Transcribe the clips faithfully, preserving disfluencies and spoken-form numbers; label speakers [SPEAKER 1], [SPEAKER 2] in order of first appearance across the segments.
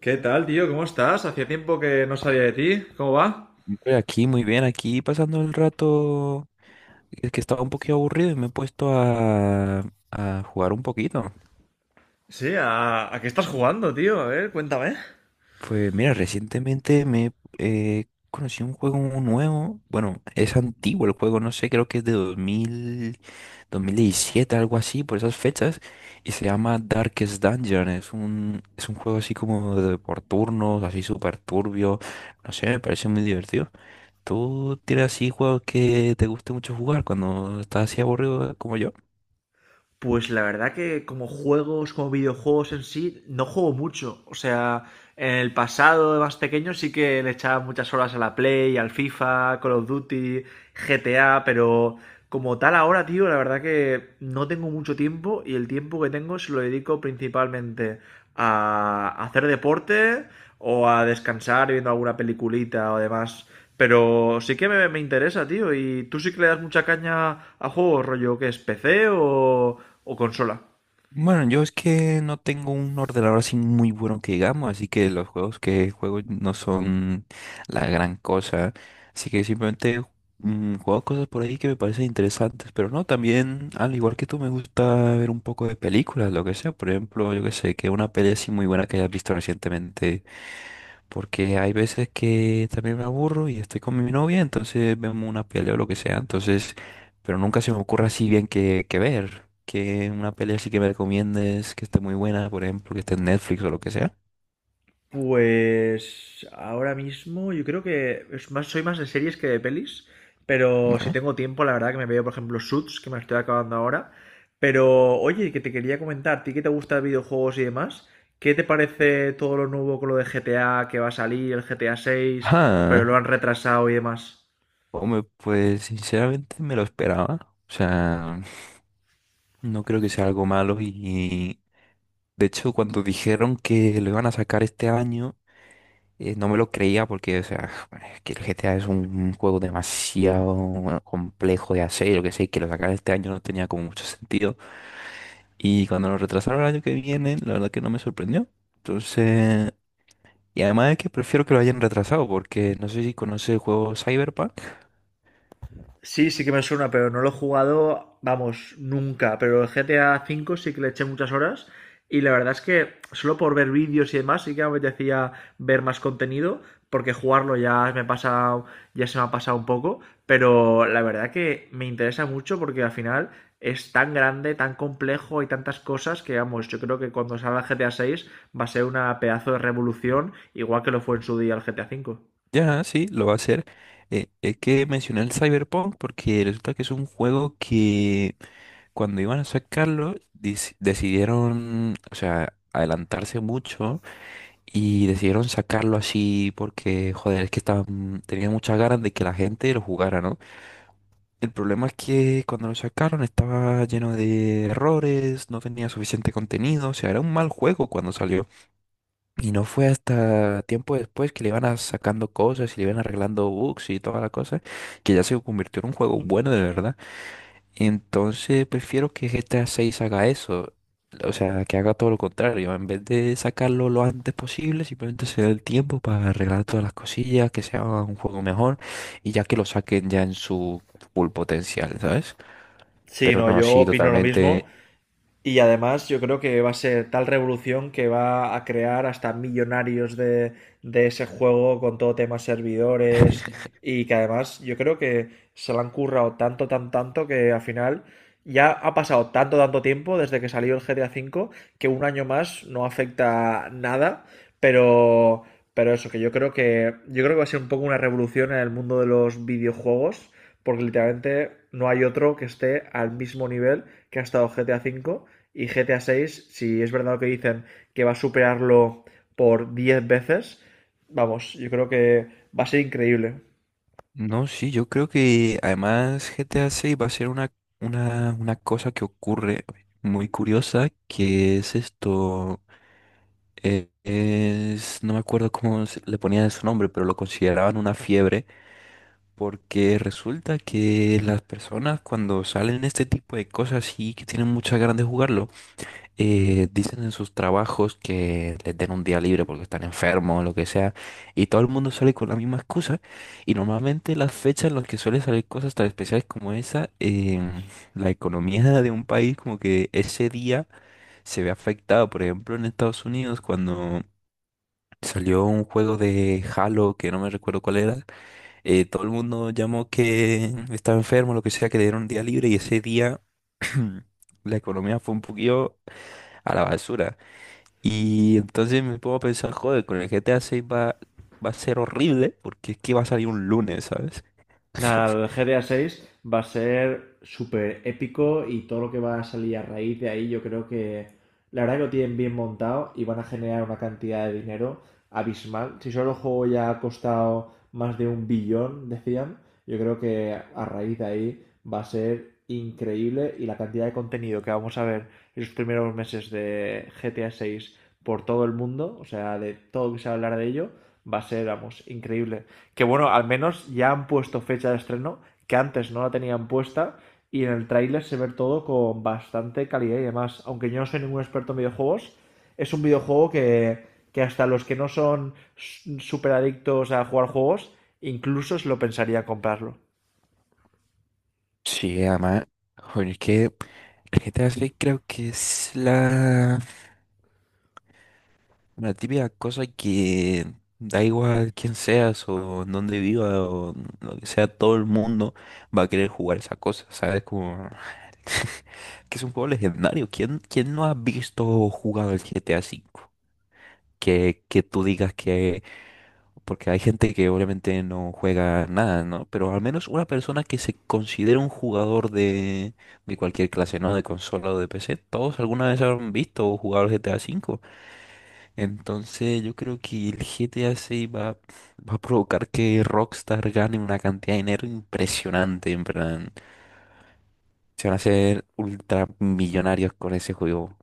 [SPEAKER 1] ¿Qué tal, tío? ¿Cómo estás? Hacía tiempo que no sabía de ti. ¿Cómo va?
[SPEAKER 2] Hombre, aquí, muy bien, aquí pasando el rato, es que estaba un poquito aburrido y me he puesto a, a jugar un poquito.
[SPEAKER 1] Sí, ¿a, a qué estás jugando, tío? A ver, cuéntame.
[SPEAKER 2] Pues mira, recientemente me eh, conocí un juego nuevo, bueno, es antiguo el juego, no sé, creo que es de dos mil, dos mil diecisiete, algo así, por esas fechas, y se llama Darkest Dungeon, es un, es un juego así como de por turnos, así súper turbio, no sé, me parece muy divertido. ¿Tú tienes así juegos que te guste mucho jugar cuando estás así aburrido como yo?
[SPEAKER 1] Pues la verdad que como juegos, como videojuegos en sí, no juego mucho. O sea, en el pasado de más pequeño sí que le echaba muchas horas a la Play, al FIFA, Call of Duty, G T A, pero como tal ahora, tío, la verdad que no tengo mucho tiempo y el tiempo que tengo se lo dedico principalmente a hacer deporte o a descansar viendo alguna peliculita o demás. Pero sí que me, me interesa, tío. ¿Y tú sí que le das mucha caña a juegos, rollo que es P C o, o consola?
[SPEAKER 2] Bueno, yo es que no tengo un ordenador así muy bueno que digamos, así que los juegos que juego no son la gran cosa. Así que simplemente mm, juego cosas por ahí que me parecen interesantes. Pero no, también, al igual que tú, me gusta ver un poco de películas, lo que sea. Por ejemplo, yo que sé, que una peli así muy buena que hayas visto recientemente. Porque hay veces que también me aburro y estoy con mi novia, entonces vemos una pelea o lo que sea. Entonces, pero nunca se me ocurre así bien que, que ver. Que una pelea así que me recomiendes, que esté muy buena, por ejemplo, que esté en Netflix o lo que sea.
[SPEAKER 1] Pues ahora mismo yo creo que es más, soy más de series que de pelis, pero si
[SPEAKER 2] Vale.
[SPEAKER 1] tengo tiempo, la verdad que me veo, por ejemplo, Suits, que me la estoy acabando ahora. Pero oye, que te quería comentar, ¿a ti que te gusta videojuegos y demás? ¿Qué te parece todo lo nuevo con lo de G T A que va a salir, el G T A seis, pero lo
[SPEAKER 2] Ajá.
[SPEAKER 1] han retrasado y demás?
[SPEAKER 2] Hombre, pues sinceramente me lo esperaba. O sea, no creo que sea algo malo. Y de hecho, cuando dijeron que lo iban a sacar este año. Eh, no me lo creía porque, o sea, es que el G T A es un juego demasiado bueno, complejo de hacer, yo que sé, que lo sacaran este año no tenía como mucho sentido. Y cuando lo retrasaron el año que viene, la verdad que no me sorprendió. Entonces, y además es que prefiero que lo hayan retrasado porque no sé si conoce el juego Cyberpunk.
[SPEAKER 1] Sí, sí que me suena, pero no lo he jugado, vamos, nunca. Pero el G T A cinco sí que le eché muchas horas. Y la verdad es que solo por ver vídeos y demás sí que me apetecía ver más contenido, porque jugarlo ya me pasa, ya se me ha pasado un poco. Pero la verdad que me interesa mucho porque al final es tan grande, tan complejo y tantas cosas que, vamos, yo creo que cuando salga el G T A vi va a ser una pedazo de revolución, igual que lo fue en su día el G T A cinco.
[SPEAKER 2] Ya, sí, lo va a hacer. Eh, es que mencioné el Cyberpunk porque resulta que es un juego que cuando iban a sacarlo, dis- decidieron, o sea, adelantarse mucho. Y decidieron sacarlo así porque, joder, es que estaban, tenían muchas ganas de que la gente lo jugara, ¿no? El problema es que cuando lo sacaron estaba lleno de errores, no tenía suficiente contenido, o sea, era un mal juego cuando salió. Y no fue hasta tiempo después que le iban a sacando cosas y le iban arreglando bugs y toda la cosa, que ya se convirtió en un juego bueno de verdad. Entonces prefiero que G T A seis haga eso. O sea, que haga todo lo contrario. En vez de sacarlo lo antes posible, simplemente se dé el tiempo para arreglar todas las cosillas, que sea un juego mejor y ya que lo saquen ya en su full potencial, ¿sabes?
[SPEAKER 1] Sí,
[SPEAKER 2] Pero
[SPEAKER 1] no,
[SPEAKER 2] no,
[SPEAKER 1] yo
[SPEAKER 2] sí,
[SPEAKER 1] opino lo mismo.
[SPEAKER 2] totalmente.
[SPEAKER 1] Y además yo creo que va a ser tal revolución que va a crear hasta millonarios de, de ese juego con todo tema servidores y que además yo creo que se lo han currado tanto, tan, tanto que al final ya ha pasado tanto, tanto tiempo desde que salió el G T A cinco que un año más no afecta nada, pero, pero eso, que yo creo que, yo creo que va a ser un poco una revolución en el mundo de los videojuegos porque literalmente no hay otro que esté al mismo nivel que ha estado G T A cinco y G T A seis, si es verdad lo que dicen que va a superarlo por diez veces, vamos, yo creo que va a ser increíble.
[SPEAKER 2] No, sí, yo creo que además G T A seis va a ser una, una, una cosa que ocurre muy curiosa, que es esto. eh, es, no me acuerdo cómo se- le ponían su nombre, pero lo consideraban una fiebre porque resulta que las personas cuando salen este tipo de cosas y que tienen muchas ganas de jugarlo, eh, dicen en sus trabajos que les den un día libre porque están enfermos o lo que sea, y todo el mundo sale con la misma excusa. Y normalmente las fechas en las que suelen salir cosas tan especiales como esa, em, la economía de un país como que ese día se ve afectado. Por ejemplo, en Estados Unidos, cuando salió un juego de Halo que no me recuerdo cuál era. eh, todo el mundo llamó que estaba enfermo, lo que sea, que le dieron un día libre y ese día la economía fue un poquillo a la basura. Y entonces me pongo a pensar, joder, con el G T A seis va, va a ser horrible porque es que va a salir un lunes, ¿sabes?
[SPEAKER 1] Nada, el G T A seis va a ser súper épico y todo lo que va a salir a raíz de ahí, yo creo que la verdad que lo tienen bien montado y van a generar una cantidad de dinero abismal. Si solo el juego ya ha costado más de un billón, decían, yo creo que a raíz de ahí va a ser increíble y la cantidad de contenido que vamos a ver en los primeros meses de G T A seis por todo el mundo, o sea, de todo lo que se va a hablar de ello, va a ser, vamos, increíble que bueno, al menos ya han puesto fecha de estreno, que antes no la tenían puesta, y en el tráiler se ve todo con bastante calidad y demás. Aunque yo no soy ningún experto en videojuegos, es un videojuego que, que hasta los que no son súper adictos a jugar juegos, incluso se lo pensaría comprarlo.
[SPEAKER 2] Sí, además, joder, es que el G T A seis creo que es la... Una típica cosa que da igual quién seas o en dónde viva o lo que sea, todo el mundo va a querer jugar esa cosa, ¿sabes? Como que es un juego legendario. ¿Quién, quién no ha visto o jugado el G T A V? Que, que tú digas que... Porque hay gente que obviamente no juega nada, ¿no? Pero al menos una persona que se considera un jugador de, de cualquier clase, ¿no? De consola o de P C, todos alguna vez han visto o jugado el G T A V. Entonces yo creo que el G T A seis va, va a provocar que Rockstar gane una cantidad de dinero impresionante, en plan. Se van a hacer ultramillonarios con ese juego.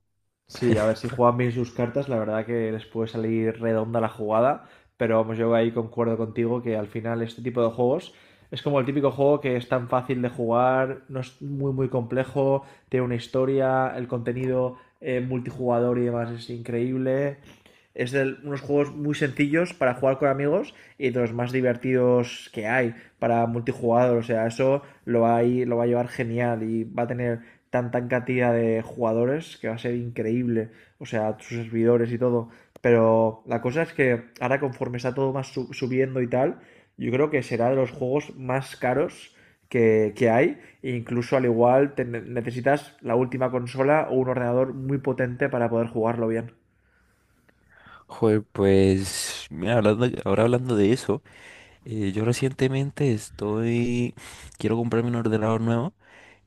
[SPEAKER 1] Sí, a ver, si juegan bien sus cartas, la verdad que les puede salir redonda la jugada, pero vamos, yo ahí concuerdo contigo que al final este tipo de juegos es como el típico juego que es tan fácil de jugar, no es muy muy complejo, tiene una historia, el contenido eh, multijugador y demás es increíble. Es de unos juegos muy sencillos para jugar con amigos y de los más divertidos que hay para multijugador. O sea, eso lo va, a ir- lo va a llevar genial y va a tener tanta cantidad de jugadores que va a ser increíble, o sea, sus servidores y todo. Pero la cosa es que ahora conforme está todo más su- subiendo y tal, yo creo que será de los juegos más caros que, que hay. E incluso al igual te ne- necesitas la última consola o un ordenador muy potente para poder jugarlo bien.
[SPEAKER 2] Joder, pues, mira, hablando, ahora hablando de eso, eh, yo recientemente estoy, quiero comprarme un ordenador nuevo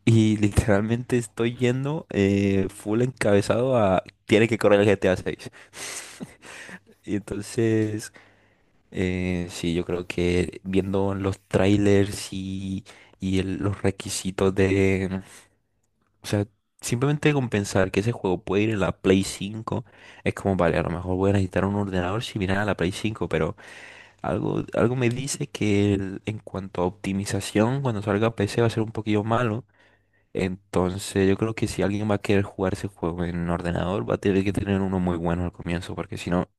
[SPEAKER 2] y literalmente estoy yendo eh, full encabezado a, tiene que correr el G T A seis. Y entonces, Eh, sí, yo creo que viendo los trailers y, y el- los requisitos de... O sea, simplemente con pensar que ese juego puede ir en la Play cinco, es como, vale, a lo mejor voy a necesitar un ordenador similar a la Play cinco, pero algo, algo me dice que el- en cuanto a optimización, cuando salga P C va a ser un poquillo malo. Entonces yo creo que si alguien va a querer jugar ese juego en ordenador, va a tener que tener uno muy bueno al comienzo, porque si no...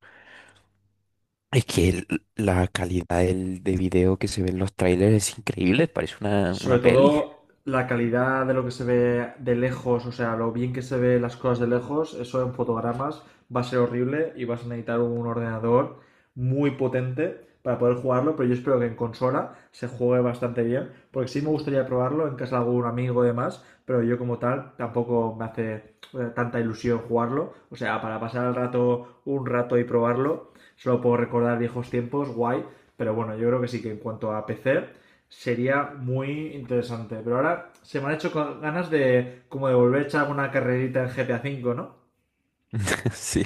[SPEAKER 2] Es que el- la calidad del, de video que se ve en los trailers es increíble, parece una, una
[SPEAKER 1] Sobre
[SPEAKER 2] peli.
[SPEAKER 1] todo la calidad de lo que se ve de lejos, o sea, lo bien que se ve las cosas de lejos, eso en fotogramas va a ser horrible y vas a necesitar un ordenador muy potente para poder jugarlo, pero yo espero que en consola se juegue bastante bien, porque sí me gustaría probarlo en casa de algún amigo y demás, pero yo como tal tampoco me hace eh, tanta ilusión jugarlo, o sea, para pasar el rato un rato y probarlo, solo puedo recordar viejos tiempos, guay, pero bueno, yo creo que sí que en cuanto a P C, sería muy interesante. Pero ahora se me han hecho con ganas de como de volver a echar una carrerita en G T A cinco, ¿no?
[SPEAKER 2] Sí.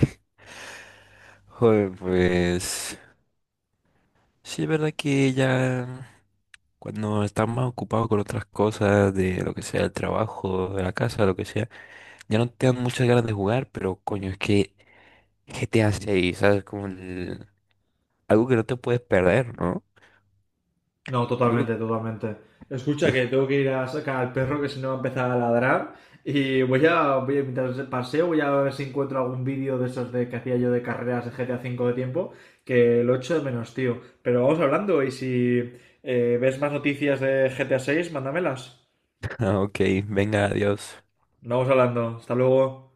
[SPEAKER 2] Joder, pues sí, es verdad que ya cuando estás más ocupado con otras cosas, de lo que sea, el trabajo, de la casa, lo que sea, ya no te dan muchas ganas de jugar, pero coño, es que G T A seis, ¿sabes? Como el- algo que no te puedes perder, ¿no?
[SPEAKER 1] No,
[SPEAKER 2] Yo creo
[SPEAKER 1] totalmente,
[SPEAKER 2] que...
[SPEAKER 1] totalmente. Escucha que tengo que ir a sacar al perro que si no va a empezar a ladrar. Y voy a, voy a mientras paseo, voy a ver si encuentro algún vídeo de esos de que hacía yo de carreras de G T A cinco de tiempo, que lo echo de menos, tío. Pero vamos hablando y si eh, ves más noticias de G T A seis, mándamelas.
[SPEAKER 2] Ah, ok, venga, adiós.
[SPEAKER 1] Vamos hablando. Hasta luego.